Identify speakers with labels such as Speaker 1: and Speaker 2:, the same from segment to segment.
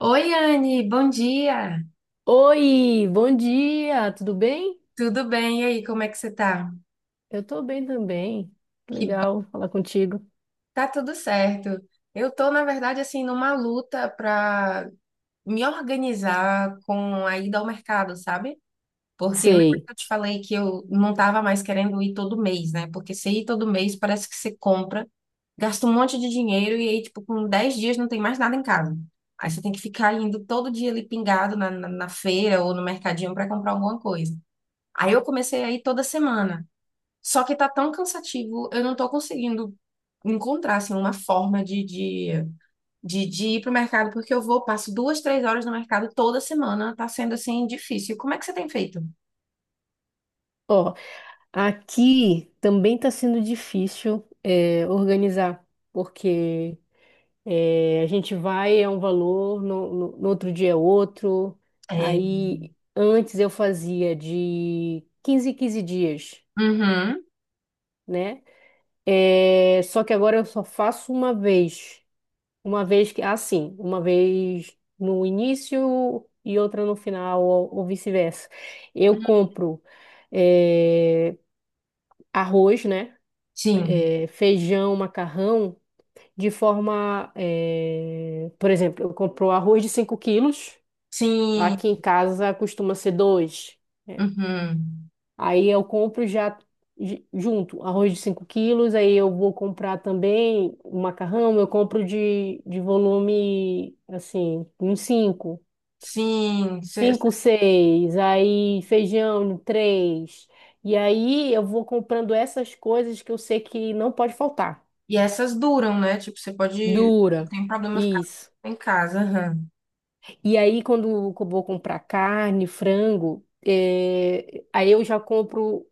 Speaker 1: Oi, Anne, bom dia.
Speaker 2: Oi, bom dia, tudo bem?
Speaker 1: Tudo bem? E aí, como é que você tá?
Speaker 2: Eu tô bem também.
Speaker 1: Que bom,
Speaker 2: Legal falar contigo.
Speaker 1: tá tudo certo. Eu tô, na verdade, assim, numa luta pra me organizar com a ida ao mercado, sabe? Porque lembra
Speaker 2: Sei.
Speaker 1: que eu te falei que eu não tava mais querendo ir todo mês, né? Porque você ir todo mês parece que você compra, gasta um monte de dinheiro e aí, tipo, com 10 dias não tem mais nada em casa. Aí você tem que ficar indo todo dia ali pingado na feira ou no mercadinho pra comprar alguma coisa. Aí eu comecei a ir toda semana. Só que tá tão cansativo, eu não tô conseguindo encontrar, assim, uma forma de ir pro mercado, porque eu vou, passo 2, 3 horas no mercado toda semana, tá sendo, assim, difícil. Como é que você tem feito?
Speaker 2: Ó, aqui também tá sendo difícil organizar, porque a gente vai, é um valor, no outro dia é outro.
Speaker 1: É.
Speaker 2: Aí, antes eu fazia de 15 em 15 dias,
Speaker 1: Uhum.
Speaker 2: né? É, só que agora eu só faço uma vez. Uma vez que, assim, uma vez no início e outra no final, ou vice-versa. Eu compro eh, arroz, né?
Speaker 1: Sim.
Speaker 2: Feijão, macarrão, de forma. Por exemplo, eu compro arroz de 5 quilos,
Speaker 1: Sim.
Speaker 2: aqui em casa costuma ser 2.
Speaker 1: Uhum.
Speaker 2: Aí eu compro já junto arroz de 5 quilos, aí eu vou comprar também o macarrão, eu compro de volume, assim, uns 5
Speaker 1: Sim.
Speaker 2: cinco, seis, aí feijão, três. E aí eu vou comprando essas coisas que eu sei que não pode faltar.
Speaker 1: E essas duram, né? Tipo, você pode... Não
Speaker 2: Dura.
Speaker 1: tem problema ficar
Speaker 2: Isso.
Speaker 1: em casa. Aham.
Speaker 2: E aí, quando eu vou comprar carne, frango, aí eu já compro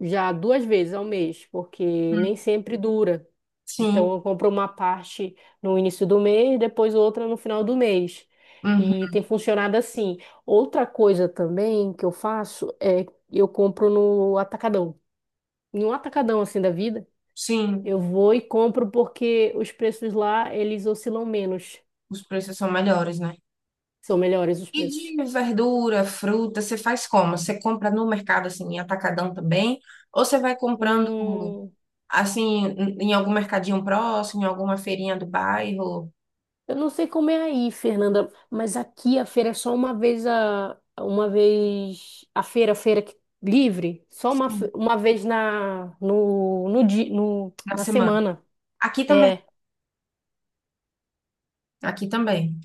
Speaker 2: já duas vezes ao mês, porque nem sempre dura. Então,
Speaker 1: Sim.
Speaker 2: eu compro uma parte no início do mês, depois outra no final do mês.
Speaker 1: Uhum.
Speaker 2: E tem funcionado assim. Outra coisa também que eu faço é eu compro no atacadão. Em um atacadão assim da vida,
Speaker 1: Sim.
Speaker 2: eu vou e compro porque os preços lá, eles oscilam menos.
Speaker 1: Os preços são melhores, né?
Speaker 2: São melhores os
Speaker 1: E
Speaker 2: preços.
Speaker 1: de verdura, fruta, você faz como? Você compra no mercado, assim, em atacadão também? Ou você vai comprando,
Speaker 2: Hum,
Speaker 1: assim, em algum mercadinho próximo, em alguma feirinha do bairro,
Speaker 2: Eu não sei como é aí, Fernanda, mas aqui a feira é só uma vez a feira livre, só
Speaker 1: sim.
Speaker 2: uma vez na no, no, di- no
Speaker 1: Na
Speaker 2: na
Speaker 1: semana?
Speaker 2: semana.
Speaker 1: Aqui também,
Speaker 2: É,
Speaker 1: aqui também.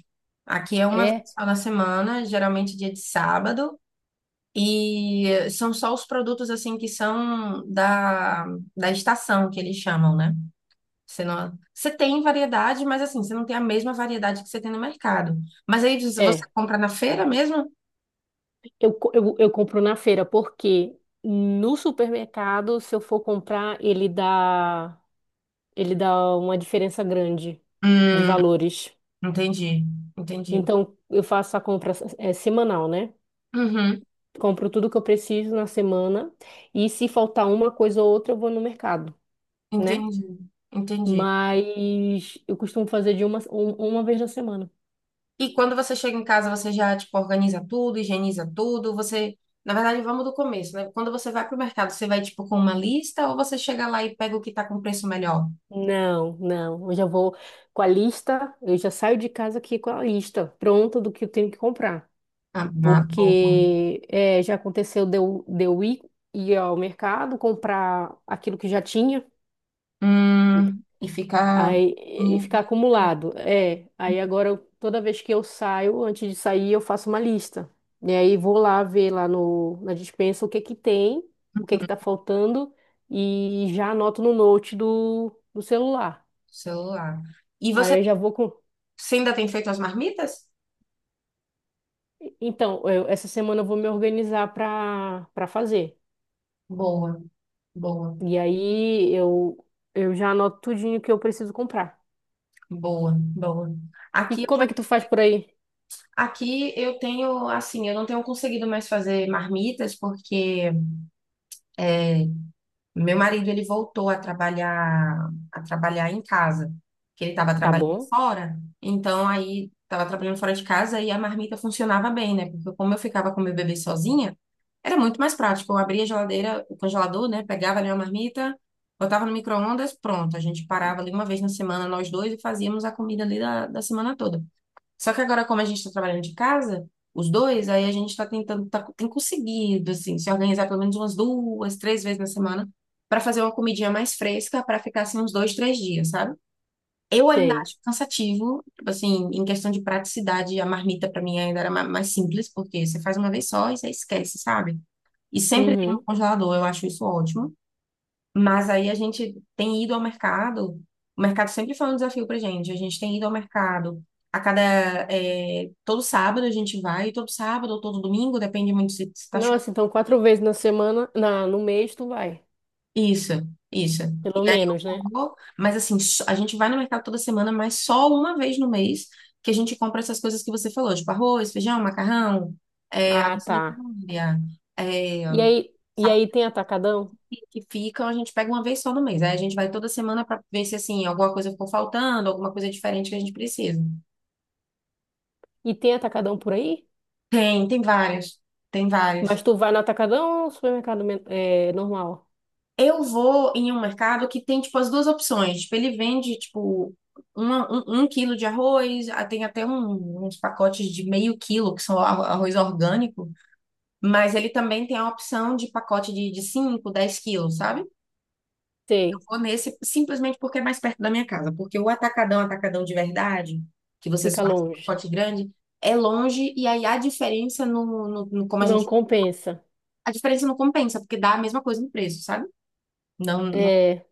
Speaker 1: Aqui é uma vez
Speaker 2: é,
Speaker 1: só na semana, geralmente dia de sábado. E são só os produtos, assim, que são da estação, que eles chamam, né? Você não, você tem variedade, mas assim, você não tem a mesma variedade que você tem no mercado. Mas aí, se você
Speaker 2: é.
Speaker 1: compra na feira mesmo?
Speaker 2: Eu compro na feira porque no supermercado, se eu for comprar, ele dá uma diferença grande de
Speaker 1: Hum,
Speaker 2: valores.
Speaker 1: entendi, entendi.
Speaker 2: Então eu faço a compra semanal, né?
Speaker 1: Uhum,
Speaker 2: Compro tudo que eu preciso na semana e se faltar uma coisa ou outra, eu vou no mercado, né?
Speaker 1: entendi, entendi.
Speaker 2: Mas eu costumo fazer de uma vez na semana.
Speaker 1: E quando você chega em casa, você já, tipo, organiza tudo, higieniza tudo, você... Na verdade, vamos do começo, né? Quando você vai pro mercado, você vai, tipo, com uma lista ou você chega lá e pega o que tá com preço melhor?
Speaker 2: Não, não. Eu já vou com a lista, eu já saio de casa aqui com a lista pronta do que eu tenho que comprar.
Speaker 1: Ah, uma boa.
Speaker 2: Porque já aconteceu de eu ir ao mercado comprar aquilo que já tinha.
Speaker 1: E fica...
Speaker 2: Aí, e
Speaker 1: Hum,
Speaker 2: ficar acumulado. É, aí agora toda vez que eu saio, antes de sair, eu faço uma lista. E aí vou lá ver lá no, na despensa o que que tem, o que que tá faltando e já anoto no note do celular.
Speaker 1: celular. E
Speaker 2: Aí eu já vou com.
Speaker 1: você ainda tem feito as marmitas?
Speaker 2: Então, essa semana eu vou me organizar para fazer.
Speaker 1: Boa, boa,
Speaker 2: E aí eu já anoto tudinho que eu preciso comprar.
Speaker 1: boa.
Speaker 2: E
Speaker 1: Aqui eu
Speaker 2: como é que tu faz por aí?
Speaker 1: aqui eu tenho, assim, eu não tenho conseguido mais fazer marmitas porque é, meu marido, ele voltou a trabalhar em casa, que ele estava
Speaker 2: Tá
Speaker 1: trabalhando
Speaker 2: bom?
Speaker 1: fora. Então, aí, estava trabalhando fora de casa e a marmita funcionava bem, né? Porque como eu ficava com meu bebê sozinha, era muito mais prático. Eu abria a geladeira, o congelador, né? Pegava ali uma marmita, botava no micro-ondas, pronto. A gente parava ali uma vez na semana, nós dois, e fazíamos a comida ali da semana toda. Só que agora, como a gente está trabalhando de casa, os dois, aí a gente está tentando, tá, tem conseguido, assim, se organizar pelo menos umas 2, 3 vezes na semana para fazer uma comidinha mais fresca para ficar assim uns 2, 3 dias, sabe? Eu ainda
Speaker 2: Tem.
Speaker 1: acho cansativo, tipo assim, em questão de praticidade, a marmita para mim ainda era mais simples, porque você faz uma vez só e você esquece, sabe? E sempre tem um
Speaker 2: Uhum.
Speaker 1: congelador, eu acho isso ótimo. Mas aí a gente tem ido ao mercado. O mercado sempre foi um desafio pra gente. A gente tem ido ao mercado a cada. É, todo sábado a gente vai, todo sábado ou todo domingo, depende muito se tá chovendo.
Speaker 2: Nossa, então quatro vezes na semana, no mês tu vai,
Speaker 1: Isso, isso. E
Speaker 2: pelo
Speaker 1: aí
Speaker 2: menos, né?
Speaker 1: eu vou, mas assim, a gente vai no mercado toda semana, mas só uma vez no mês que a gente compra essas coisas que você falou, tipo arroz, feijão, macarrão,
Speaker 2: Ah,
Speaker 1: água
Speaker 2: tá.
Speaker 1: sanitária, é,
Speaker 2: E aí tem atacadão?
Speaker 1: que ficam, a gente pega uma vez só no mês. Aí a gente vai toda semana para ver se assim, alguma coisa ficou faltando, alguma coisa diferente que a gente precisa.
Speaker 2: E tem atacadão por aí?
Speaker 1: Tem, tem várias. Tem várias.
Speaker 2: Mas tu vai no atacadão ou supermercado normal?
Speaker 1: Eu vou em um mercado que tem, tipo, as duas opções. Tipo, ele vende, tipo, um quilo de arroz, ah, tem até uns pacotes de meio quilo, que são arroz orgânico, mas ele também tem a opção de pacote de 5, 10 quilos, sabe?
Speaker 2: Sei,
Speaker 1: Vou nesse simplesmente porque é mais perto da minha casa. Porque o atacadão, atacadão de verdade, que você só
Speaker 2: fica
Speaker 1: acha um
Speaker 2: longe.
Speaker 1: pacote grande, é longe e aí a diferença como a
Speaker 2: Não
Speaker 1: gente.
Speaker 2: compensa.
Speaker 1: A diferença não compensa, porque dá a mesma coisa no preço, sabe? Não, não-
Speaker 2: É,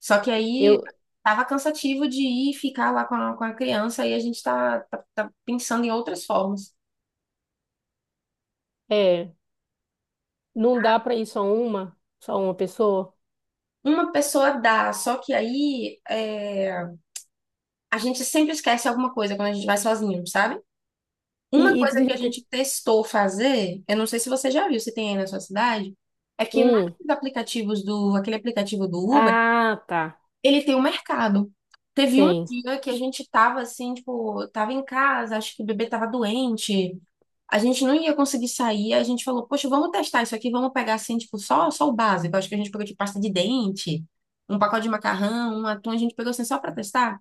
Speaker 1: Só que aí
Speaker 2: eu,
Speaker 1: tava cansativo de ir e ficar lá com a criança e a gente tá pensando em outras formas.
Speaker 2: é, não dá pra ir só uma pessoa.
Speaker 1: Uma pessoa dá, só que aí é, a gente sempre esquece alguma coisa quando a gente vai sozinho, sabe? Uma
Speaker 2: E tu
Speaker 1: coisa que a
Speaker 2: já tem
Speaker 1: gente testou fazer, eu não sei se você já viu, se tem aí na sua cidade, é que
Speaker 2: um?
Speaker 1: naqueles aplicativos do, aquele aplicativo do Uber,
Speaker 2: Ah, tá.
Speaker 1: ele tem um mercado. Teve um
Speaker 2: Tem,
Speaker 1: dia que a gente tava assim, tipo, tava em casa, acho que o bebê tava doente, a gente não ia conseguir sair, a gente falou, poxa, vamos testar isso aqui, vamos pegar assim, tipo, só o básico. Acho que a gente pegou de pasta de dente, um pacote de macarrão, um atum, a gente pegou assim só pra testar.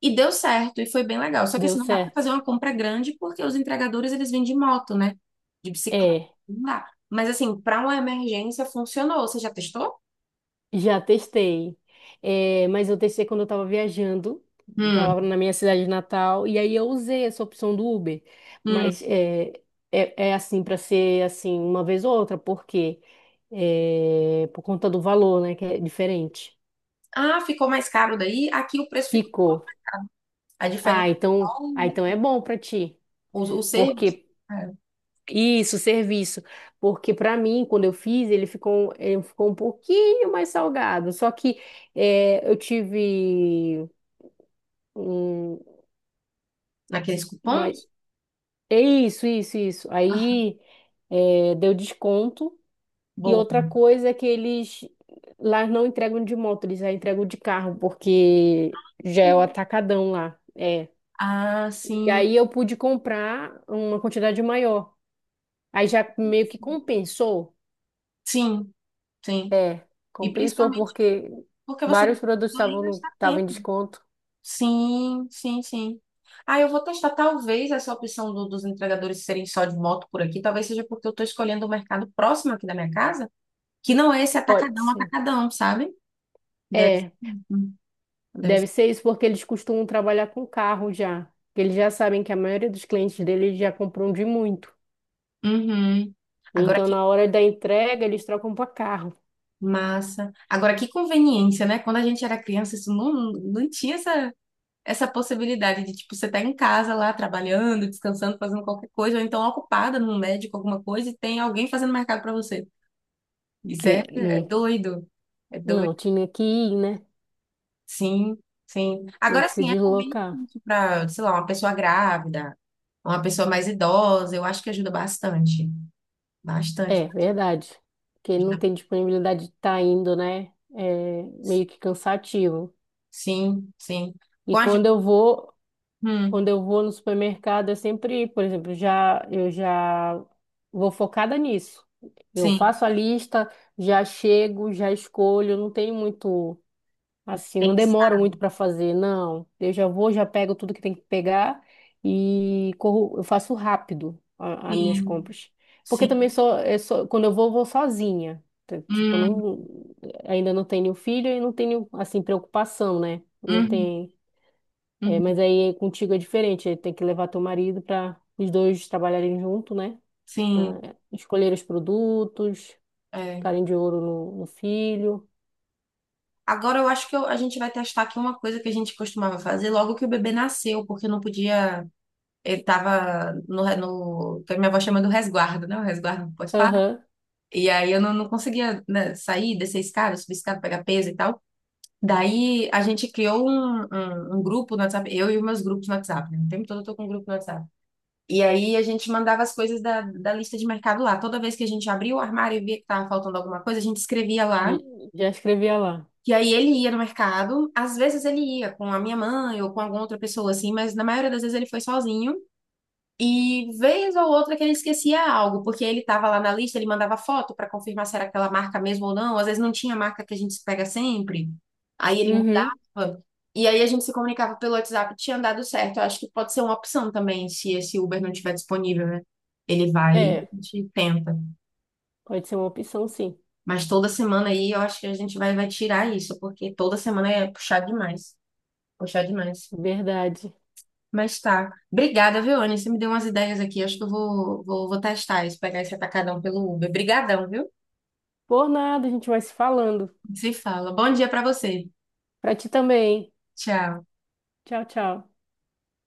Speaker 1: E deu certo, e foi bem legal. Só que
Speaker 2: deu
Speaker 1: assim, não dá para
Speaker 2: certo.
Speaker 1: fazer uma compra grande porque os entregadores eles vêm de moto, né? De bicicleta,
Speaker 2: É.
Speaker 1: não dá. Mas assim, para uma emergência funcionou. Você já testou?
Speaker 2: Já testei. É, mas eu testei quando eu estava viajando,
Speaker 1: Hum,
Speaker 2: estava na minha cidade natal, e aí eu usei essa opção do Uber,
Speaker 1: hum.
Speaker 2: mas é assim para ser assim uma vez ou outra, porque por conta do valor, né, que é diferente.
Speaker 1: Ah, ficou mais caro daí. Aqui o preço ficou.
Speaker 2: Ficou.
Speaker 1: A diferença
Speaker 2: Ah,
Speaker 1: é só
Speaker 2: então, ah, então é bom para ti,
Speaker 1: o serviço,
Speaker 2: porque
Speaker 1: é,
Speaker 2: isso, serviço, porque para mim quando eu fiz ele ficou um pouquinho mais salgado, só que eu tive um-
Speaker 1: naqueles cupons.
Speaker 2: Mas, é isso, isso, isso.
Speaker 1: Ah,
Speaker 2: Aí deu desconto. E
Speaker 1: boa.
Speaker 2: outra coisa é que eles lá não entregam de moto, eles já entregam de carro, porque já é o atacadão lá. É.
Speaker 1: Ah,
Speaker 2: E
Speaker 1: sim,
Speaker 2: aí eu pude comprar uma quantidade maior. Aí já meio que compensou.
Speaker 1: sim, sim.
Speaker 2: É,
Speaker 1: E
Speaker 2: compensou
Speaker 1: principalmente
Speaker 2: porque
Speaker 1: porque você não
Speaker 2: vários produtos
Speaker 1: vai
Speaker 2: estavam
Speaker 1: gastar
Speaker 2: estavam em
Speaker 1: tempo.
Speaker 2: desconto.
Speaker 1: Sim, sim, sim. Ah, eu vou testar talvez essa opção dos entregadores serem só de moto por aqui. Talvez seja porque eu estou escolhendo o mercado próximo aqui da minha casa, que não é esse
Speaker 2: Pode
Speaker 1: atacadão,
Speaker 2: ser.
Speaker 1: atacadão, sabe? Deve ser.
Speaker 2: É.
Speaker 1: Hum, deve
Speaker 2: Deve
Speaker 1: ser.
Speaker 2: ser isso porque eles costumam trabalhar com carro já. Que Eles já sabem que a maioria dos clientes deles já compram de muito.
Speaker 1: Uhum. Agora
Speaker 2: Então,
Speaker 1: que
Speaker 2: na hora da entrega, eles trocam para carro.
Speaker 1: massa. Agora que conveniência, né? Quando a gente era criança, isso não tinha essa, essa possibilidade de, tipo, você tá em casa lá, trabalhando, descansando, fazendo qualquer coisa, ou então ocupada num médico, alguma coisa, e tem alguém fazendo mercado para você. Isso é,
Speaker 2: É,
Speaker 1: é
Speaker 2: não,
Speaker 1: doido. É doido.
Speaker 2: não, tinha que ir, né?
Speaker 1: Sim, sim.
Speaker 2: Tinha
Speaker 1: Agora
Speaker 2: que se
Speaker 1: sim, é
Speaker 2: deslocar.
Speaker 1: conveniente para, sei lá, uma pessoa grávida, uma pessoa mais idosa, eu acho que ajuda bastante. Bastante.
Speaker 2: É, verdade. Porque não
Speaker 1: Ajuda.
Speaker 2: tem disponibilidade de estar indo, né? É meio que cansativo.
Speaker 1: Sim, sim.
Speaker 2: E
Speaker 1: Com a... gente-
Speaker 2: quando eu vou, Quando
Speaker 1: hum,
Speaker 2: eu vou no supermercado, eu sempre, por exemplo, já eu já vou focada nisso. Eu
Speaker 1: sim,
Speaker 2: faço a lista, já chego, já escolho, não tem muito assim, não demoro
Speaker 1: pensar.
Speaker 2: muito para fazer, não. Eu já vou, já pego tudo que tem que pegar e corro, eu faço rápido as minhas
Speaker 1: Sim,
Speaker 2: compras. Porque também
Speaker 1: sim.
Speaker 2: sou, eu sou- quando eu vou sozinha. Tipo, eu
Speaker 1: Hum,
Speaker 2: não, ainda não tenho filho e não tenho assim preocupação, né? Não
Speaker 1: uhum,
Speaker 2: tem.
Speaker 1: uhum,
Speaker 2: Mas aí contigo é diferente, aí tem que levar teu marido para os dois trabalharem junto, né? Na-
Speaker 1: sim.
Speaker 2: Escolher os produtos,
Speaker 1: É.
Speaker 2: ficarem de ouro no filho.
Speaker 1: Agora eu acho que a gente vai testar aqui uma coisa que a gente costumava fazer logo que o bebê nasceu, porque não podia. Ele estava no, re- no. que a minha avó chama do resguardo, né? O resguardo pós.
Speaker 2: Aham,
Speaker 1: E aí eu não, não conseguia, né, sair, descer a escada, subir a escada, pegar peso e tal. Daí a gente criou um grupo no WhatsApp, eu e os meus grupos no WhatsApp, né? O tempo todo eu tô com um grupo no WhatsApp. E aí a gente mandava as coisas da lista de mercado lá. Toda vez que a gente abria o armário e via que tava faltando alguma coisa, a gente escrevia lá.
Speaker 2: já escrevia lá.
Speaker 1: E aí ele ia no mercado, às vezes ele ia com a minha mãe ou com alguma outra pessoa assim, mas na maioria das vezes ele foi sozinho. E vez ou outra que ele esquecia algo, porque ele estava lá na lista, ele mandava foto para confirmar se era aquela marca mesmo ou não. Às vezes não tinha a marca que a gente pega sempre. Aí ele
Speaker 2: Uhum.
Speaker 1: mudava. E aí a gente se comunicava pelo WhatsApp, tinha dado certo. Eu acho que pode ser uma opção também, se esse Uber não estiver disponível, né? Ele vai e
Speaker 2: É,
Speaker 1: a gente tenta.
Speaker 2: pode ser uma opção, sim.
Speaker 1: Mas toda semana aí eu acho que a gente vai tirar isso, porque toda semana é puxar demais. Puxar demais.
Speaker 2: Verdade.
Speaker 1: Mas tá. Obrigada, viu, Anny? Você me deu umas ideias aqui. Acho que eu vou testar isso, pegar esse atacadão pelo Uber. Obrigadão, viu?
Speaker 2: Por nada, a gente vai se falando.
Speaker 1: Se fala. Bom dia pra você.
Speaker 2: Pra ti também.
Speaker 1: Tchau.
Speaker 2: Tchau, tchau.